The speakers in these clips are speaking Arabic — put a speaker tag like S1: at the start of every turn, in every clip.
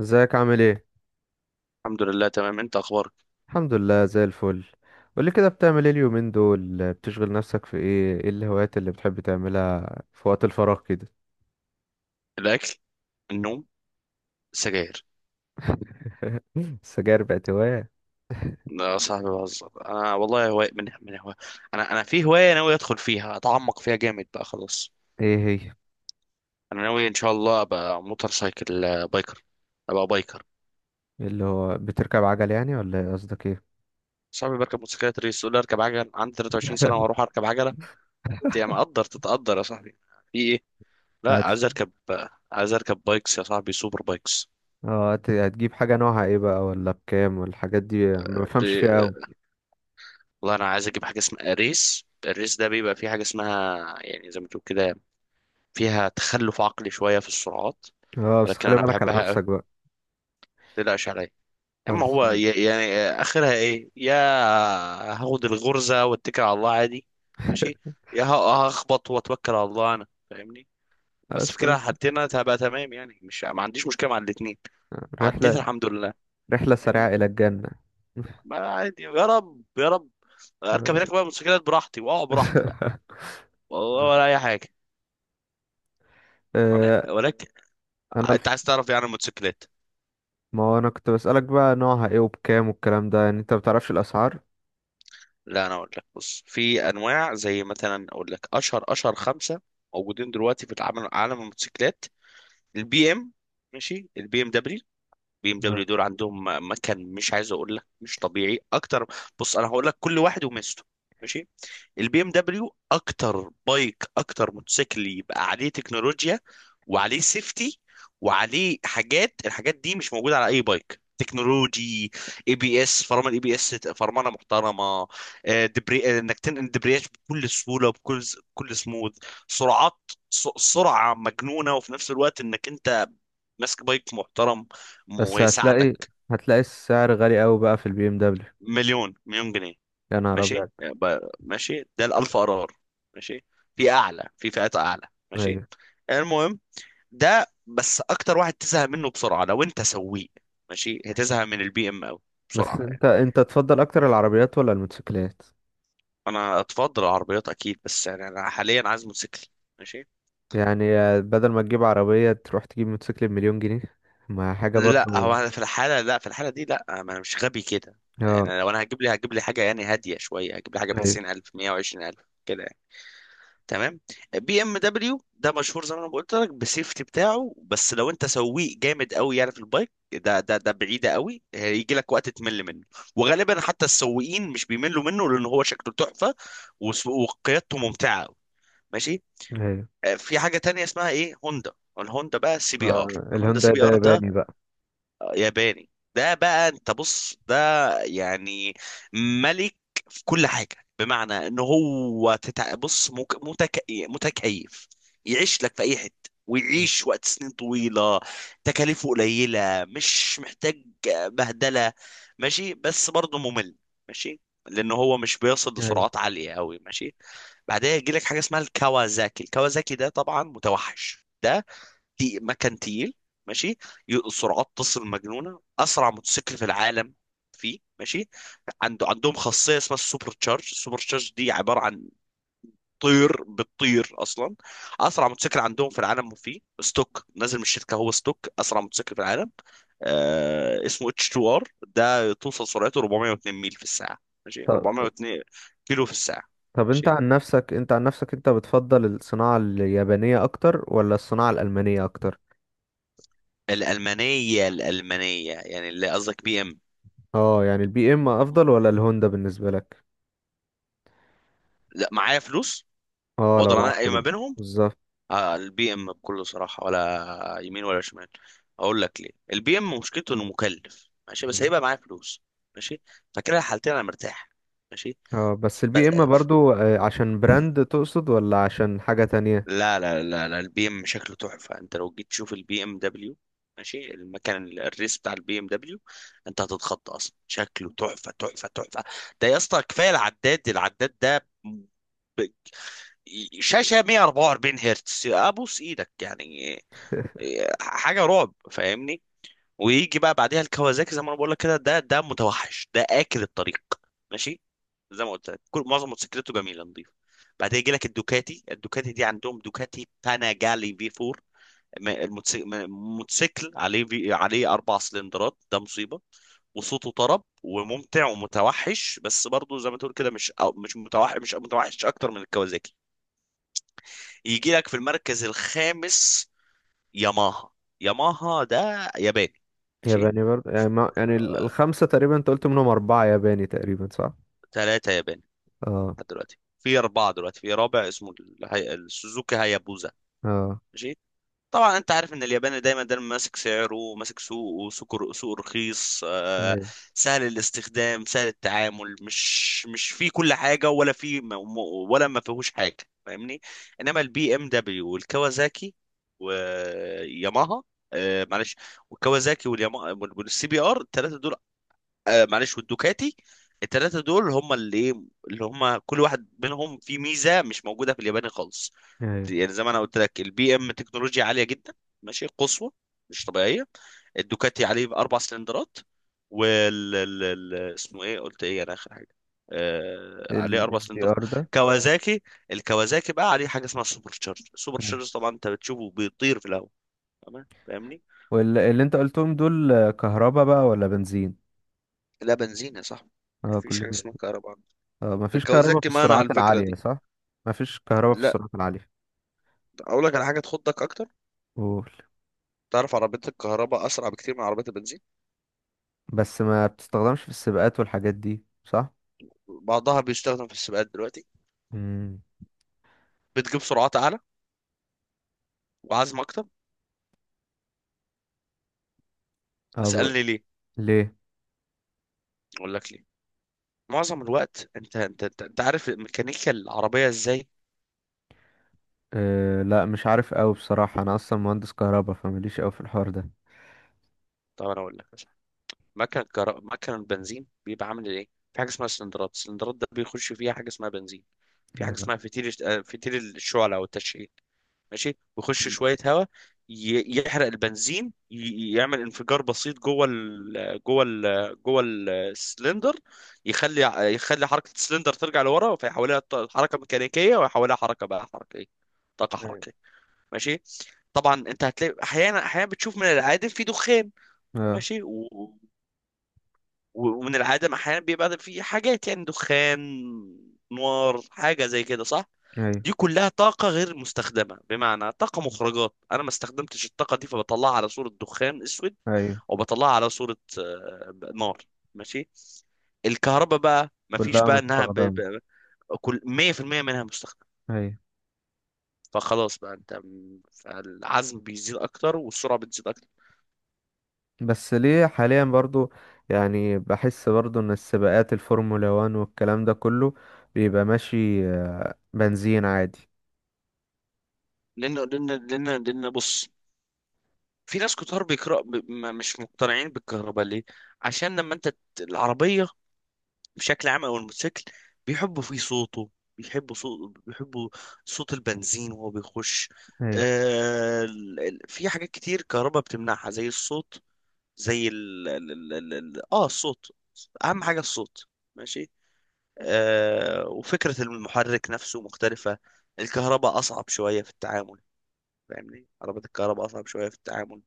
S1: ازيك، عامل ايه؟
S2: الحمد لله، تمام. انت اخبارك؟
S1: الحمد لله، زي الفل. قولي كده، بتعمل ايه اليومين دول؟ بتشغل نفسك في ايه الهوايات اللي بتحب تعملها في وقت الفراغ كده؟
S2: الاكل. النوم. السجاير.
S1: السجاير بقت هواية؟
S2: لا يا صاحبي، بهزر انا والله. هواية من هواية. انا في هوايه ناوي ادخل فيها، اتعمق فيها جامد بقى خلاص.
S1: ايه هي؟
S2: انا ناوي ان شاء الله ابقى موتور سايكل، بايكر. ابقى بايكر.
S1: اللي هو بتركب عجل يعني، ولا ايه؟ قصدك ايه؟
S2: صاحبي بركب موتوسيكلات ريس يقول لي اركب عجل، عندي 23 سنه واروح اركب عجله؟ انت يا مقدر تتقدر يا صاحبي. في ايه؟ لا،
S1: هت
S2: عايز اركب، عايز اركب بايكس يا صاحبي، سوبر بايكس.
S1: هتجيب حاجة نوعها ايه بقى؟ ولا بكام؟ والحاجات دي ما
S2: ب-
S1: بفهمش فيها اوي.
S2: آه، والله انا عايز اجيب حاجه اسمها ريس. الريس ده بيبقى فيه حاجه اسمها يعني زي ما تقول كده، فيها تخلف عقلي شوية في السرعات.
S1: اه، بس
S2: ولكن
S1: خلي
S2: أنا
S1: بالك على
S2: بحبها أوي.
S1: نفسك بقى.
S2: متقلقش عليا. أما
S1: خلص.
S2: هو يعني آخرها إيه يا؟ هاخد الغرزة واتكل على الله عادي. ماشي. يا هخبط واتوكل على الله، أنا فاهمني. بس
S1: بس.
S2: في كده حالتين أنا هبقى تمام، يعني مش، ما عنديش مشكلة مع الاتنين. عديت
S1: رحلة
S2: الحمد لله.
S1: رحلة سريعة
S2: فاهمني.
S1: الى الجنة.
S2: ما عادي، يا رب يا رب. اركب هناك بقى موتوسيكلات براحتي، واقع براحتي بقى. والله ولا اي حاجه.
S1: آه،
S2: ولكن
S1: انا
S2: انت عايز تعرف يعني الموتوسيكلات؟
S1: ما هو انا كنت بسألك بقى نوعها ايه وبكام والكلام ده، يعني انت ما بتعرفش الاسعار؟
S2: لا انا اقول لك، بص، في انواع زي مثلا. اقول لك اشهر خمسه موجودين دلوقتي في العالم، عالم الموتوسيكلات. البي ام. ماشي، البي ام دبليو. بي ام دبليو
S1: آه.
S2: دول عندهم مكان مش عايز اقول لك، مش طبيعي اكتر. بص انا هقول لك كل واحد وميزته. ماشي. البي ام دبليو اكتر بايك، اكتر موتوسيكل يبقى عليه تكنولوجيا وعليه سيفتي وعليه حاجات. الحاجات دي مش موجوده على اي بايك. تكنولوجي، اي بي اس فرمان، اي بي اس فرمانه محترمه. دبري، انك تنقل دبرياج بكل سهوله وبكل، سموث سرعات، سرعه مجنونه، وفي نفس الوقت انك انت ماسك بايك محترم
S1: بس هتلاقي
S2: ويساعدك.
S1: هتلاقي السعر غالي قوي بقى في البي ام دبليو.
S2: مليون مليون جنيه.
S1: يا نهار
S2: ماشي،
S1: ابيض!
S2: ماشي، ده الالف قرار. ماشي. في اعلى، في فئات اعلى. ماشي.
S1: ايوه.
S2: المهم، ده بس اكتر واحد تزهق منه بسرعه لو انت سويق. ماشي، هتزهق من البي ام قوي
S1: بس
S2: بسرعه يعني.
S1: انت تفضل اكتر العربيات ولا الموتوسيكلات؟
S2: انا اتفضل العربيات اكيد، بس يعني انا حاليا عايز موتوسيكل. ماشي.
S1: يعني بدل ما تجيب عربية تروح تجيب موتوسيكل بمليون جنيه؟ ما حاجة
S2: لا، هو
S1: برضو.
S2: انا في الحاله، لا، في الحاله دي، لا، ما انا مش غبي كده
S1: اه.
S2: يعني. لو انا هجيب لي حاجه، يعني هاديه شويه، هجيب لي حاجه ب
S1: ايوه.
S2: 90,000، 120,000 كده يعني. تمام. بي ام دبليو ده مشهور زي ما انا قلت لك بالسيفتي بتاعه، بس لو انت سويق جامد قوي يعني في البايك ده، ده بعيده قوي. هيجي لك وقت تمل منه، وغالبا حتى السويقين مش بيملوا منه لان هو شكله تحفه، وقيادته ممتعه قوي. ماشي.
S1: ايوه،
S2: في حاجه تانية اسمها ايه، هوندا. الهوندا بقى، سي بي ار. الهوندا سي
S1: الهوندا
S2: بي
S1: ده
S2: ار ده
S1: ياباني بقى؟
S2: ياباني. ده بقى انت بص، ده يعني ملك في كل حاجة، بمعنى ان هو بص، متكيف، يعيش لك في اي حتة،
S1: أيوة.
S2: ويعيش وقت سنين طويلة. تكاليفه قليلة، مش محتاج بهدلة. ماشي. بس برضه ممل، ماشي، لان هو مش بيصل
S1: أيوة.
S2: لسرعات عالية قوي. ماشي. بعدها يجي لك حاجة اسمها الكawasaki. الكawasaki ده طبعا متوحش ده، مكن تقيل. ماشي. سرعات تصل مجنونه، اسرع موتوسيكل في العالم فيه. ماشي. عندهم خاصيه اسمها السوبر تشارج. السوبر تشارج دي عباره عن طير بتطير اصلا. اسرع موتوسيكل عندهم في العالم، وفيه ستوك نازل من الشركه، هو ستوك اسرع موتوسيكل في العالم. آه، اسمه اتش 2 ار، ده توصل سرعته 402 ميل في الساعه. ماشي،
S1: طب
S2: 402 كيلو في الساعه.
S1: طب انت
S2: ماشي.
S1: عن نفسك انت عن نفسك انت بتفضل الصناعة اليابانية اكتر ولا الصناعة الألمانية اكتر؟
S2: الالمانيه، الالمانيه يعني اللي قصدك بي ام.
S1: اه، يعني البي ام افضل ولا الهوندا بالنسبه لك؟
S2: لا، معايا فلوس
S1: اه، لو
S2: واقدر
S1: معاك
S2: انقي ما
S1: فلوس.
S2: بينهم.
S1: بالظبط.
S2: آه، البي ام بكل صراحه، ولا يمين ولا شمال. اقول لك ليه. البي ام مشكلته انه مكلف، ماشي، بس
S1: مم.
S2: هيبقى معايا فلوس. ماشي، فكده الحالتين انا مرتاح. ماشي.
S1: اه، بس
S2: ب...
S1: البي ام برضو عشان براند تقصد ولا عشان حاجه تانية؟
S2: لا، لا، لا لا، البي ام شكله تحفه. انت لو جيت تشوف البي ام دبليو، ماشي، المكان، الريس بتاع البي ام دبليو، انت هتتخض اصلا. شكله تحفه تحفه تحفه. ده يا اسطى، كفايه العداد ده، ب- شاشه 144 هرتز، ابوس ايدك يعني. إيه، حاجه رعب، فاهمني. ويجي بقى بعديها الكوازاكي، زي ما انا بقول لك كده، ده متوحش ده، اكل الطريق. ماشي. زي ما قلت لك، كل معظم موتوسيكلته جميله نظيفه. بعدها يجي لك الدوكاتي. الدوكاتي دي عندهم دوكاتي باناجالي في 4. م- الموتسي- م- موتوسيكل عليه، عليه اربع سلندرات. ده مصيبه. وصوته طرب وممتع ومتوحش. بس برضه زي ما تقول كده، مش، أو مش متوحش، مش متوحش اكتر من الكوازاكي. يجي لك في المركز الخامس ياماها. ياماها ده ياباني. ماشي.
S1: ياباني برضو، يعني ما يعني الخمسه تقريبا انت قلت منهم اربعه ياباني تقريبا، صح؟
S2: ثلاثة ياباني
S1: اه.
S2: لحد دلوقتي. في أربعة دلوقتي، في رابع اسمه السوزوكي هايابوزا.
S1: اه.
S2: ماشي. طبعا أنت عارف إن الياباني دايما دايما ماسك سعره، ماسك سوقه، سوق رخيص،
S1: ايوه.
S2: سهل الاستخدام، سهل التعامل، مش في كل حاجة، ولا في ولا ما فيهوش حاجة. فاهمني. إنما البي إم دبليو والكawasaki وياماها، معلش، والكوازاكي والياما والسي بي ار، الثلاثه دول، معلش، والدوكاتي، التلاتة دول هم اللي ايه، اللي هم كل واحد منهم فيه ميزة مش موجودة في الياباني خالص.
S1: ايوه.
S2: يعني زي ما انا قلت لك، البي ام تكنولوجيا عالية جدا، ماشي، قصوى، مش طبيعية. الدوكاتي عليه اربع سلندرات. اسمه ايه، قلت ايه انا اخر حاجة؟ آه، عليه اربع
S1: الاس بي
S2: سلندرات.
S1: ار ده.
S2: كوازاكي، الكوازاكي بقى عليه حاجة اسمها سوبر تشارج. سوبر
S1: مم.
S2: تشارج، طبعا انت بتشوفه بيطير في الهواء. تمام، فاهمني.
S1: واللي انت قلتهم دول كهربا بقى ولا بنزين؟
S2: لا، بنزين يا صاحبي.
S1: اه،
S2: مفيش حاجة
S1: كلهم؟
S2: اسمها كهرباء.
S1: اه، مفيش كهربا في
S2: الكوازاكي مانع على
S1: السرعات
S2: الفكرة
S1: العاليه،
S2: دي.
S1: صح؟ مفيش كهربا في
S2: لا.
S1: السرعات العاليه.
S2: اقول لك على حاجه تخضك اكتر.
S1: قول.
S2: تعرف عربيات الكهرباء اسرع بكتير من عربيات البنزين.
S1: بس ما بتستخدمش في السباقات والحاجات دي، صح؟
S2: بعضها بيستخدم في السباقات دلوقتي.
S1: امم.
S2: بتجيب سرعات اعلى وعزم اكتر.
S1: ابو.
S2: اسالني ليه.
S1: ليه؟
S2: اقول لك ليه. معظم الوقت انت عارف ميكانيكا العربيه ازاي.
S1: أه، لا مش عارف قوي بصراحة، انا اصلا مهندس كهرباء فماليش قوي في الحوار ده.
S2: طب انا اقول لك. مكن بنزين بيبقى عامل ايه. في حاجه اسمها سلندرات. السلندرات ده بيخش فيها حاجه اسمها بنزين. في حاجه
S1: آه.
S2: اسمها فتيل، فتيل الشعله او التشعيل. ماشي. بيخش
S1: مم.
S2: شويه هواء، يحرق البنزين، يعمل انفجار بسيط جوه السلندر. يخلي، يخلي حركه السلندر ترجع لورا، فيحولها حركه ميكانيكيه، ويحولها حركه بقى، حركه ايه، طاقه
S1: ايوه.
S2: حركيه. ماشي. طبعا انت هتلاقي احيانا، احيانا بتشوف من العادم في دخان.
S1: آه.
S2: ماشي. ومن العدم احيانا بيبقى في حاجات، يعني دخان، نار، حاجه زي كده، صح؟
S1: ايوه.
S2: دي كلها طاقه غير مستخدمه، بمعنى طاقه مخرجات انا ما استخدمتش الطاقه دي، فبطلعها على صوره دخان اسود،
S1: ايو.
S2: او بطلعها على صوره نار. ماشي. الكهرباء بقى، ما فيش
S1: كلها
S2: بقى انها
S1: مستخدمة.
S2: كل 100% منها مستخدم.
S1: ايوه.
S2: فخلاص بقى انت، فالعزم بيزيد اكتر والسرعه بتزيد اكتر.
S1: بس ليه حاليا برضو؟ يعني بحس برضو ان السباقات الفورمولا 1 والكلام ده كله بيبقى ماشي بنزين عادي.
S2: لان بص، في ناس كتار بيقرأ ب... ما- مش مقتنعين بالكهرباء ليه. عشان لما انت العربية بشكل عام او الموتوسيكل بيحبوا فيه صوته، بيحبوا صوت البنزين وهو بيخش.
S1: ايوه.
S2: في حاجات كتير كهرباء بتمنعها زي الصوت، زي ال... ال... ال... ال... ال- اه الصوت، اهم حاجة الصوت. ماشي. وفكرة المحرك نفسه مختلفة. الكهرباء اصعب شوية في التعامل، فاهمني. عربيات الكهرباء أصعب شوية في التعامل،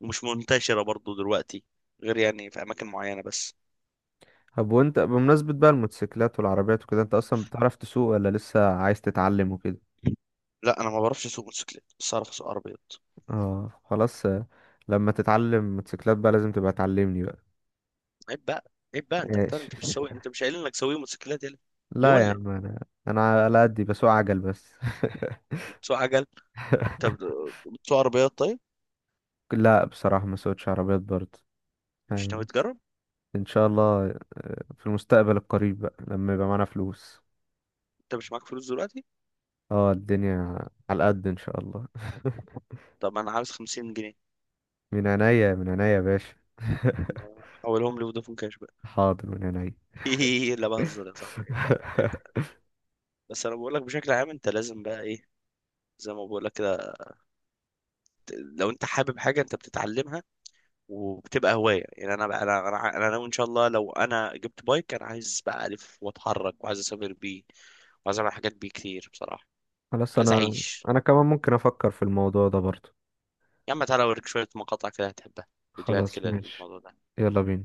S2: ومش منتشرة برضو دلوقتي، غير يعني في أماكن معينة بس.
S1: طب وانت بمناسبة بقى الموتوسيكلات والعربيات وكده، انت اصلا بتعرف تسوق ولا لسه عايز تتعلم وكده؟
S2: لا، أنا ما بعرفش أسوق موتوسيكلات، بس أعرف أسوق عربيات.
S1: اه خلاص، لما تتعلم موتوسيكلات بقى لازم تبقى تعلمني بقى.
S2: عيب بقى، عيب بقى. أنت بتاع،
S1: ماشي.
S2: أنت مش سوي. أنت مش قايل إنك سوي موتوسيكلات؟ يلا. يا
S1: لا يا
S2: ولا،
S1: عم، انا على قدي بسوق عجل بس.
S2: أنت بتسوق عجل، أنت بتسوق عربيات طيب.
S1: لا، بصراحة ما سوقتش عربيات برضه.
S2: مش ناوي
S1: يعني،
S2: تجرب؟
S1: ان شاء الله في المستقبل القريب بقى لما يبقى معانا فلوس.
S2: أنت مش معاك فلوس دلوقتي.
S1: اه، الدنيا على قد، ان شاء الله.
S2: طب أنا عاوز 50 جنيه.
S1: من عينيا، من عينيا يا باشا.
S2: لا، حولهم لي فودافون كاش بقى.
S1: حاضر، من عينيا.
S2: لا، بهزر يا صاحبي. عيب بقى، عيب بقى. بس انا بقول لك بشكل عام، انت لازم بقى ايه، زي ما بقول لك كده، لو انت حابب حاجه انت بتتعلمها وبتبقى هوايه. يعني انا بقى، انا انا أنا ناوي ان شاء الله، لو انا جبت بايك، انا عايز بقى الف واتحرك، وعايز اسافر بيه، وعايز اعمل حاجات بيه كتير بصراحه.
S1: خلاص،
S2: عايز
S1: انا
S2: اعيش.
S1: انا كمان ممكن افكر في الموضوع ده برضه.
S2: يا عم تعالى اوريك شويه مقاطع كده هتحبها، فيديوهات
S1: خلاص
S2: كده
S1: ماشي.
S2: للموضوع ده.
S1: يلا بينا.